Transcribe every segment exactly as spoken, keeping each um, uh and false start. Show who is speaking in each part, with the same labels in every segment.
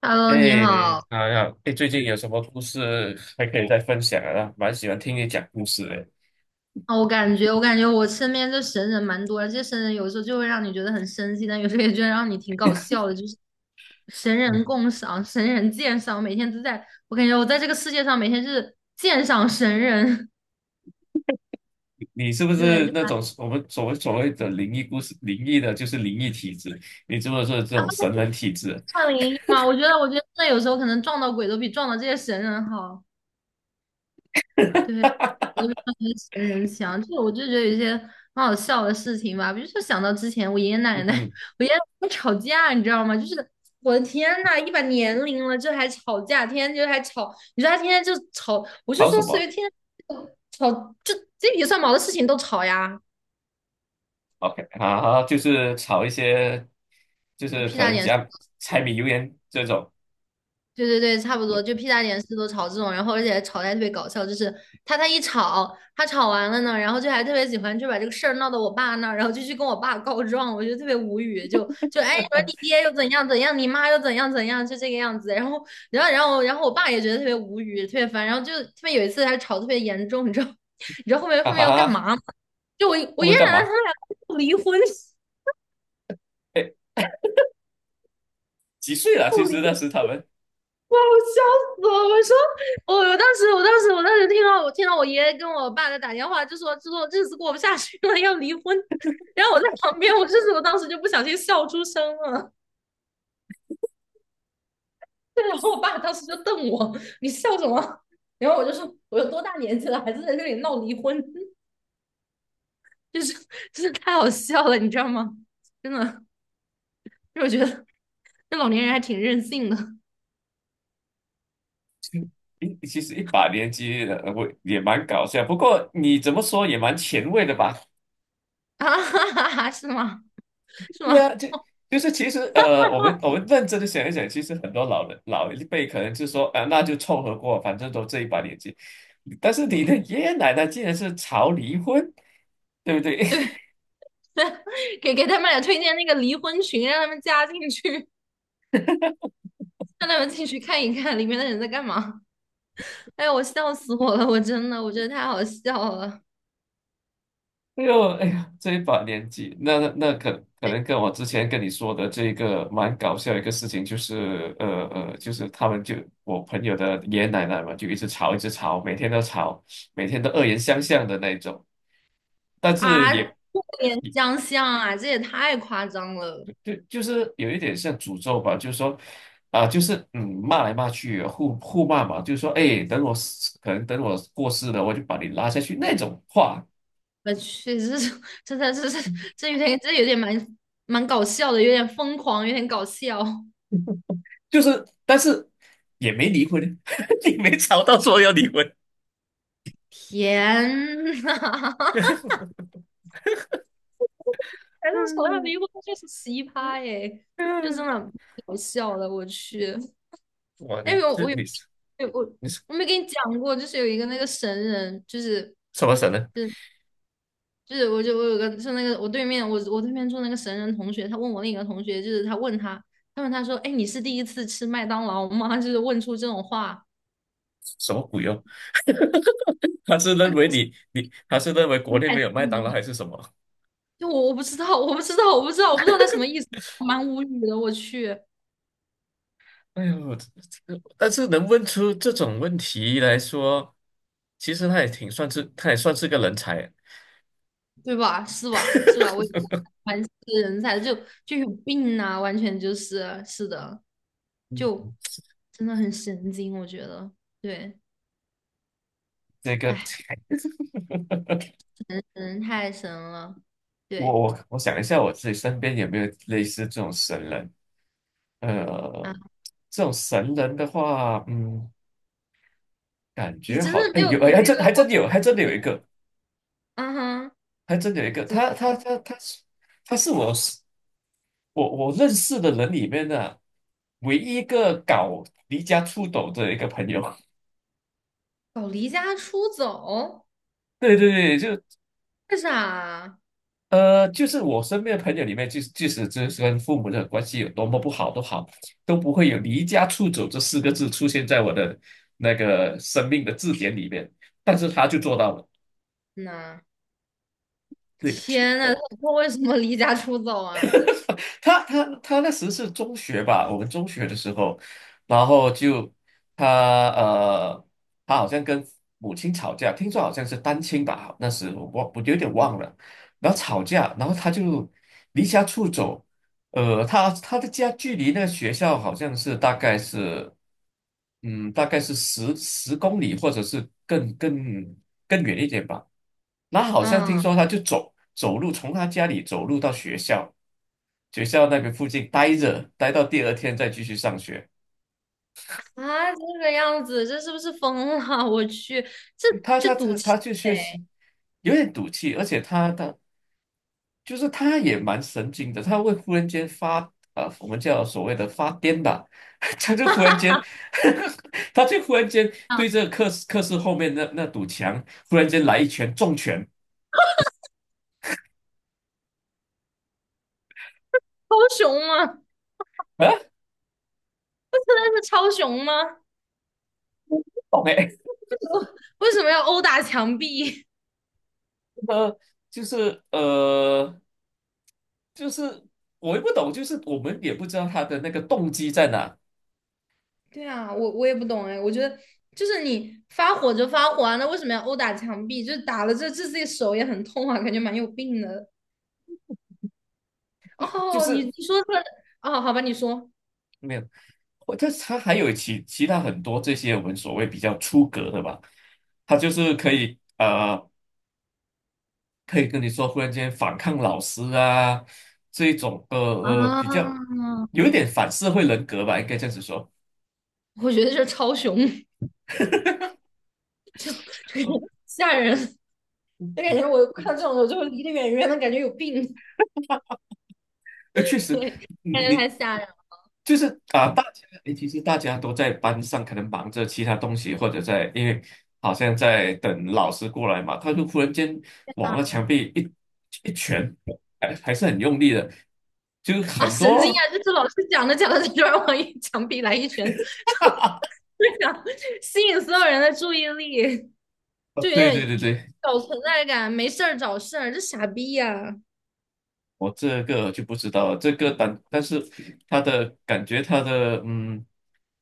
Speaker 1: Hello，你
Speaker 2: 哎，
Speaker 1: 好。
Speaker 2: 好呀，哎，最近有什么故事还可以再分享啊？蛮喜欢听你讲故事的。
Speaker 1: 啊，我感觉，我感觉我身边这神人蛮多的，这些神人有时候就会让你觉得很生气，但有时候也觉得让你挺搞笑的，就是神人
Speaker 2: 你
Speaker 1: 共赏、神人鉴赏，每天都在，我感觉我在这个世界上每天是鉴赏神人，
Speaker 2: 你是不
Speaker 1: 对，
Speaker 2: 是
Speaker 1: 就
Speaker 2: 那种我们所谓所谓的灵异故事？灵异的就是灵异体质，你是不是这种神人体质？
Speaker 1: 算灵一嘛。我觉得，我觉得真的有时候可能撞到鬼都比撞到这些神人好。对，我就帮那些人想，就我就觉得有一些很好笑的事情吧，比如说想到之前我爷爷奶
Speaker 2: 嗯
Speaker 1: 奶，
Speaker 2: 哼，
Speaker 1: 我爷爷奶奶吵架，你知道吗？就是我的天呐，一把年龄了，这还吵架，天天就还吵，你说他天天就吵，我就
Speaker 2: 吵
Speaker 1: 说
Speaker 2: 什
Speaker 1: 随
Speaker 2: 么
Speaker 1: 便天天就吵，就鸡皮蒜毛的事情都吵呀，
Speaker 2: ？OK，好，好，就是吵一些，就
Speaker 1: 就
Speaker 2: 是
Speaker 1: 屁
Speaker 2: 可
Speaker 1: 大
Speaker 2: 能
Speaker 1: 点事。
Speaker 2: 讲柴米油盐这种。
Speaker 1: 对对对，差不多，就屁大点事都吵这种，然后而且吵得还特别搞笑，就是他他一吵，他吵完了呢，然后就还特别喜欢就把这个事儿闹到我爸那儿，然后就去跟我爸告状，我就特别无语，就就哎，你说你爹又怎样怎样，你妈又怎样怎样，就这个样子，然后然后然后然后我爸也觉得特别无语，特别烦，然后就特别有一次还吵得特别严重，你知道 你知道后面
Speaker 2: 啊
Speaker 1: 后面要干
Speaker 2: 哈，
Speaker 1: 嘛吗？就我我
Speaker 2: 他
Speaker 1: 爷
Speaker 2: 们
Speaker 1: 爷
Speaker 2: 干
Speaker 1: 奶奶他
Speaker 2: 嘛？
Speaker 1: 们俩要离婚，
Speaker 2: 哎，几岁了？其
Speaker 1: 要离。
Speaker 2: 实那时他们。
Speaker 1: 哇！我笑死了！我说，我我当时，我当时，我当时听到，我听到我爷爷跟我爸在打电话，就说就说日子过不下去了，要离婚。然后我在旁边，我就是我当时就不小心笑出声了。然后我爸当时就瞪我，你笑什么？然后我就说，我有多大年纪了，还是在这里闹离婚，就是就是太好笑了，你知道吗？真的，因为我觉得这老年人还挺任性的
Speaker 2: 一其实一把年纪了，我也蛮搞笑。不过你怎么说也蛮前卫的吧？
Speaker 1: 啊，哈哈哈哈是吗？是
Speaker 2: 对
Speaker 1: 吗？
Speaker 2: 啊，就就是其实呃，我们我们认真的想一想，其实很多老人老一辈可能就说啊，那就凑合过，反正都这一把年纪。但是你的爷爷奶奶竟然是吵离婚，对不对？
Speaker 1: 给给他们俩推荐那个离婚群，让他们加进去。让他们进去看一看里面的人在干嘛。哎呀，我笑死我了！我真的，我觉得太好笑了
Speaker 2: 哎呦哎呀，这一把年纪，那那那可可能跟我之前跟你说的这个蛮搞笑的一个事情，就是呃呃，就是他们就我朋友的爷爷奶奶嘛，就一直吵一直吵，每天都吵，每天都恶言相向的那一种。但是
Speaker 1: 啊！
Speaker 2: 也。
Speaker 1: 过年相像啊，这也太夸张了！
Speaker 2: 就就是有一点像诅咒吧，就是说，啊、就是嗯，骂来骂去，互互骂嘛，就是说，哎，等我死可能等我过世了，我就把你拉下去那种话，
Speaker 1: 我去，这是这这这这这有点这有点蛮蛮搞笑的，有点疯狂，有点搞笑。
Speaker 2: 就是，但是也没离婚，你没吵到说要离婚，
Speaker 1: 天呐，还是从来没遇过就是奇葩耶，就真的搞笑了，我去！
Speaker 2: 哇，
Speaker 1: 哎
Speaker 2: 你
Speaker 1: 呦，我
Speaker 2: 这
Speaker 1: 我有
Speaker 2: 你
Speaker 1: 没有我
Speaker 2: 你是
Speaker 1: 我没跟你讲过，就是有一个那个神人，就是。
Speaker 2: 什么神呢？
Speaker 1: 就是我就我有个是那个我对面我我对面坐那个神人同学，他问我另一个同学，就是他问他，他问他说，哎，你是第一次吃麦当劳吗？就是问出这种话，
Speaker 2: 什么鬼哦？他是认为
Speaker 1: 他是
Speaker 2: 你你他是认为
Speaker 1: 是
Speaker 2: 国内
Speaker 1: 麦
Speaker 2: 没有麦
Speaker 1: 当
Speaker 2: 当劳还
Speaker 1: 劳
Speaker 2: 是什么？
Speaker 1: 就我我不知道，我不知道，我不知道，我不知道他什么意思，蛮无语的，我去，
Speaker 2: 哎呦，这这但是能问出这种问题来说，其实他也挺算是他也算是个人才。
Speaker 1: 对吧？是吧？是吧？我也不蛮是人才，就就有病呐、完全就是是的，就 真的很神经，我觉得，对，
Speaker 2: 这个，
Speaker 1: 哎，人太神了，
Speaker 2: 我
Speaker 1: 对。
Speaker 2: 我我想一下，我自己身边有没有类似这种神人？呃，
Speaker 1: 啊。
Speaker 2: 这种神人的话，嗯，感
Speaker 1: 你
Speaker 2: 觉
Speaker 1: 真
Speaker 2: 好，
Speaker 1: 的
Speaker 2: 哎，
Speaker 1: 没有
Speaker 2: 有，
Speaker 1: 考
Speaker 2: 哎，还
Speaker 1: 虑
Speaker 2: 真
Speaker 1: 到
Speaker 2: 还
Speaker 1: 过，
Speaker 2: 真有，还真的有一个，
Speaker 1: 啊哈，
Speaker 2: 还真的有一个，
Speaker 1: 怎么
Speaker 2: 他他他他是他是我我我认识的人里面的唯一一个搞离家出走的一个朋友。
Speaker 1: 搞离家出走？
Speaker 2: 对对对，就
Speaker 1: 为啥
Speaker 2: 呃，就是我身边的朋友里面，就是即使就是跟父母的关系有多么不好都好，都不会有离家出走这四个字出现在我的那个生命的字典里面。但是他就做到了，
Speaker 1: 呐？
Speaker 2: 对，
Speaker 1: 天呐，
Speaker 2: 呃，
Speaker 1: 他他为什么离家出走啊？
Speaker 2: 他他他那时是中学吧，我们中学的时候，然后就他呃，他好像跟母亲吵架，听说好像是单亲吧，那时我忘我有点忘了，然后吵架，然后他就离家出走。呃，他他的家距离那个学校好像是大概是，嗯，大概是十十公里，或者是更更更远一点吧。那好像听
Speaker 1: 啊
Speaker 2: 说他就走走路，从他家里走路到学校，学校那边附近待着，待到第二天再继续上学。
Speaker 1: 啊，这个样子，这是不是疯了？我去，这
Speaker 2: 他
Speaker 1: 这
Speaker 2: 他
Speaker 1: 赌
Speaker 2: 他他
Speaker 1: 气
Speaker 2: 就确
Speaker 1: 呗！
Speaker 2: 实有点赌气，而且他他就是他也蛮神经的，他会忽然间发呃，我们叫所谓的发癫吧，他就忽然间，他就忽然间
Speaker 1: 啊，
Speaker 2: 对这个课室课室后面那那堵墙，忽然间来一拳重拳，
Speaker 1: 超雄吗？
Speaker 2: 啊，
Speaker 1: 真的是超雄吗？
Speaker 2: 懂哎，
Speaker 1: 为什么要殴打墙壁？
Speaker 2: 呃，就是呃，就是我也不懂，就是我们也不知道他的那个动机在哪，
Speaker 1: 对啊，我我也不懂哎，我觉得就是你发火就发火啊，那为什么要殴打墙壁？就是打了这这自己手也很痛啊，感觉蛮有病的。
Speaker 2: 就
Speaker 1: 哦，你
Speaker 2: 是
Speaker 1: 你说出来啊？好吧，你说
Speaker 2: 没有，我他他还有其其他很多这些我们所谓比较出格的吧，他就是可以。呃。可以跟你说，忽然间反抗老师啊，这一种呃呃比较
Speaker 1: 啊，
Speaker 2: 有一点反社会人格吧，应该这样子说。
Speaker 1: 我觉得这超雄，就是
Speaker 2: 哦，
Speaker 1: 吓人，就感
Speaker 2: 嗯
Speaker 1: 觉我看这种我就离得远远的，感觉有病，
Speaker 2: 呃，确实，
Speaker 1: 对，感
Speaker 2: 你
Speaker 1: 觉太
Speaker 2: 你
Speaker 1: 吓人了
Speaker 2: 就是啊，大家诶其实大家都在班上可能忙着其他东西，或者在因为好像在等老师过来嘛，他就忽然间往那墙壁一一拳，还还是很用力的，就
Speaker 1: 啊！
Speaker 2: 很
Speaker 1: 神经啊！
Speaker 2: 多，
Speaker 1: 这这老师讲着讲着，他突然往一墙壁来一拳，
Speaker 2: 哈，
Speaker 1: 然后就想吸引所有人的注意力，就有
Speaker 2: 对对
Speaker 1: 点
Speaker 2: 对对。
Speaker 1: 搞存在感，没事儿找事儿，这傻逼呀、
Speaker 2: 我这个就不知道了，这个但但是他的感觉，他的嗯，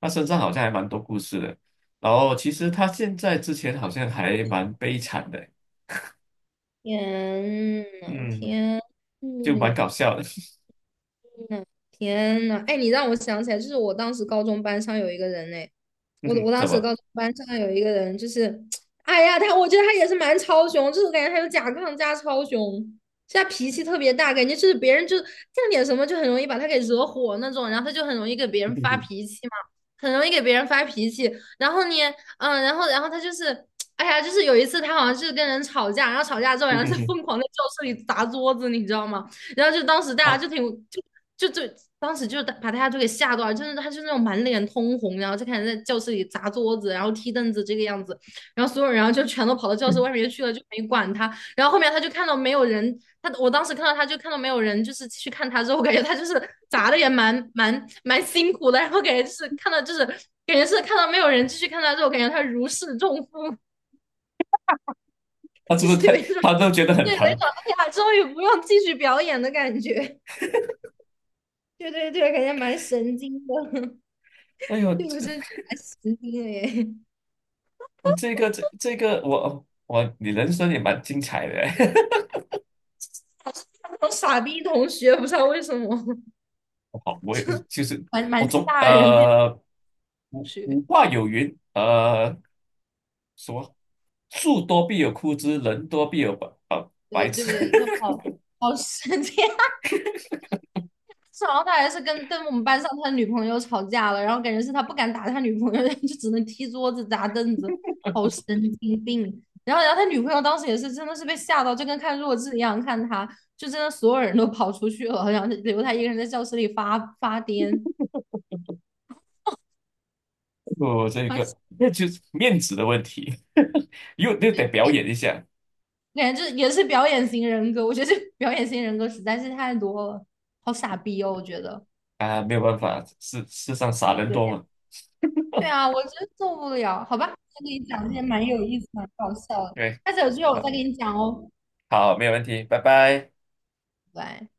Speaker 2: 他身上好像还蛮多故事的。然后其实他现在之前好像还蛮悲惨的，
Speaker 1: 天呐，
Speaker 2: 嗯，
Speaker 1: 天
Speaker 2: 就蛮
Speaker 1: 呐！
Speaker 2: 搞笑的。
Speaker 1: 嗯，天呐，哎，你让我想起来，就是我当时高中班上有一个人哎，
Speaker 2: 嗯
Speaker 1: 我我
Speaker 2: 哼，
Speaker 1: 当
Speaker 2: 怎
Speaker 1: 时
Speaker 2: 么？
Speaker 1: 高中班上有一个人，就是，哎呀，他我觉得他也是蛮超雄，就是我感觉他有甲亢加超雄，就他脾气特别大，感觉就是别人就干点什么就很容易把他给惹火那种，然后他就很容易给别
Speaker 2: 嗯
Speaker 1: 人发
Speaker 2: 哼
Speaker 1: 脾气嘛，很容易给别人发脾气，然后呢，嗯，然后然后他就是，哎呀，就是有一次他好像是跟人吵架，然后吵架之后，然
Speaker 2: 嗯
Speaker 1: 后
Speaker 2: 哼
Speaker 1: 就
Speaker 2: 哼
Speaker 1: 疯狂在教室里砸桌子，你知道吗？然后就当时大家
Speaker 2: 哦，
Speaker 1: 就挺就就就当时就把大家都给吓到了，真的，他就那种满脸通红，然后就开始在教室里砸桌子，然后踢凳子这个样子，然后所有人然后就全都跑到教室外面去了，就没管他。然后后面他就看到没有人，他我当时看到他就看到没有人，就是继续看他之后，我感觉他就是砸的也蛮蛮蛮辛苦的，然后感觉就是看到就是感觉是看到没有人继续看他之后，感觉他如释重负，
Speaker 2: 他是
Speaker 1: 就
Speaker 2: 不是
Speaker 1: 是有
Speaker 2: 太
Speaker 1: 一种
Speaker 2: 他都觉得很
Speaker 1: 对有一
Speaker 2: 疼？
Speaker 1: 种哎呀，终于不用继续表演的感觉。对对对，感觉蛮神经的。
Speaker 2: 哎 呦，
Speaker 1: 对我
Speaker 2: 这
Speaker 1: 真的蛮神经的耶，
Speaker 2: 我这个这这个我我你人生也蛮精彩的。
Speaker 1: 好像那种傻逼同学，不知道为什么，
Speaker 2: 好，我也
Speaker 1: 就
Speaker 2: 就是
Speaker 1: 蛮
Speaker 2: 我
Speaker 1: 蛮
Speaker 2: 总
Speaker 1: 吓人的同
Speaker 2: 呃古
Speaker 1: 学。
Speaker 2: 古话有云，呃什么树多必有枯枝，人多必有白啊
Speaker 1: 对
Speaker 2: 白痴。
Speaker 1: 对，就 好好神经。然后他还是跟跟我们班上他的女朋友吵架了，然后感觉是他不敢打他女朋友，就只能踢桌子砸凳子，好神经病。然后，然后他女朋友当时也是真的是被吓到，就跟看弱智一样看他，就真的所有人都跑出去了，然后留他一个人在教室里发发癫，
Speaker 2: 我这
Speaker 1: 蛮神
Speaker 2: 个那就是面子的问题，又又得表演一下
Speaker 1: 感觉就也是表演型人格，我觉得这表演型人格实在是太多了，好傻逼哦，我觉得。
Speaker 2: 啊，没有办法，世世上傻人多
Speaker 1: 对
Speaker 2: 嘛。
Speaker 1: 对啊，我真受不了，好吧，再给你讲这些蛮有意思、蛮搞笑的。
Speaker 2: 对，
Speaker 1: 下次有机会我
Speaker 2: 那
Speaker 1: 再给你讲哦，
Speaker 2: 好，没有问题，拜拜。
Speaker 1: 拜拜。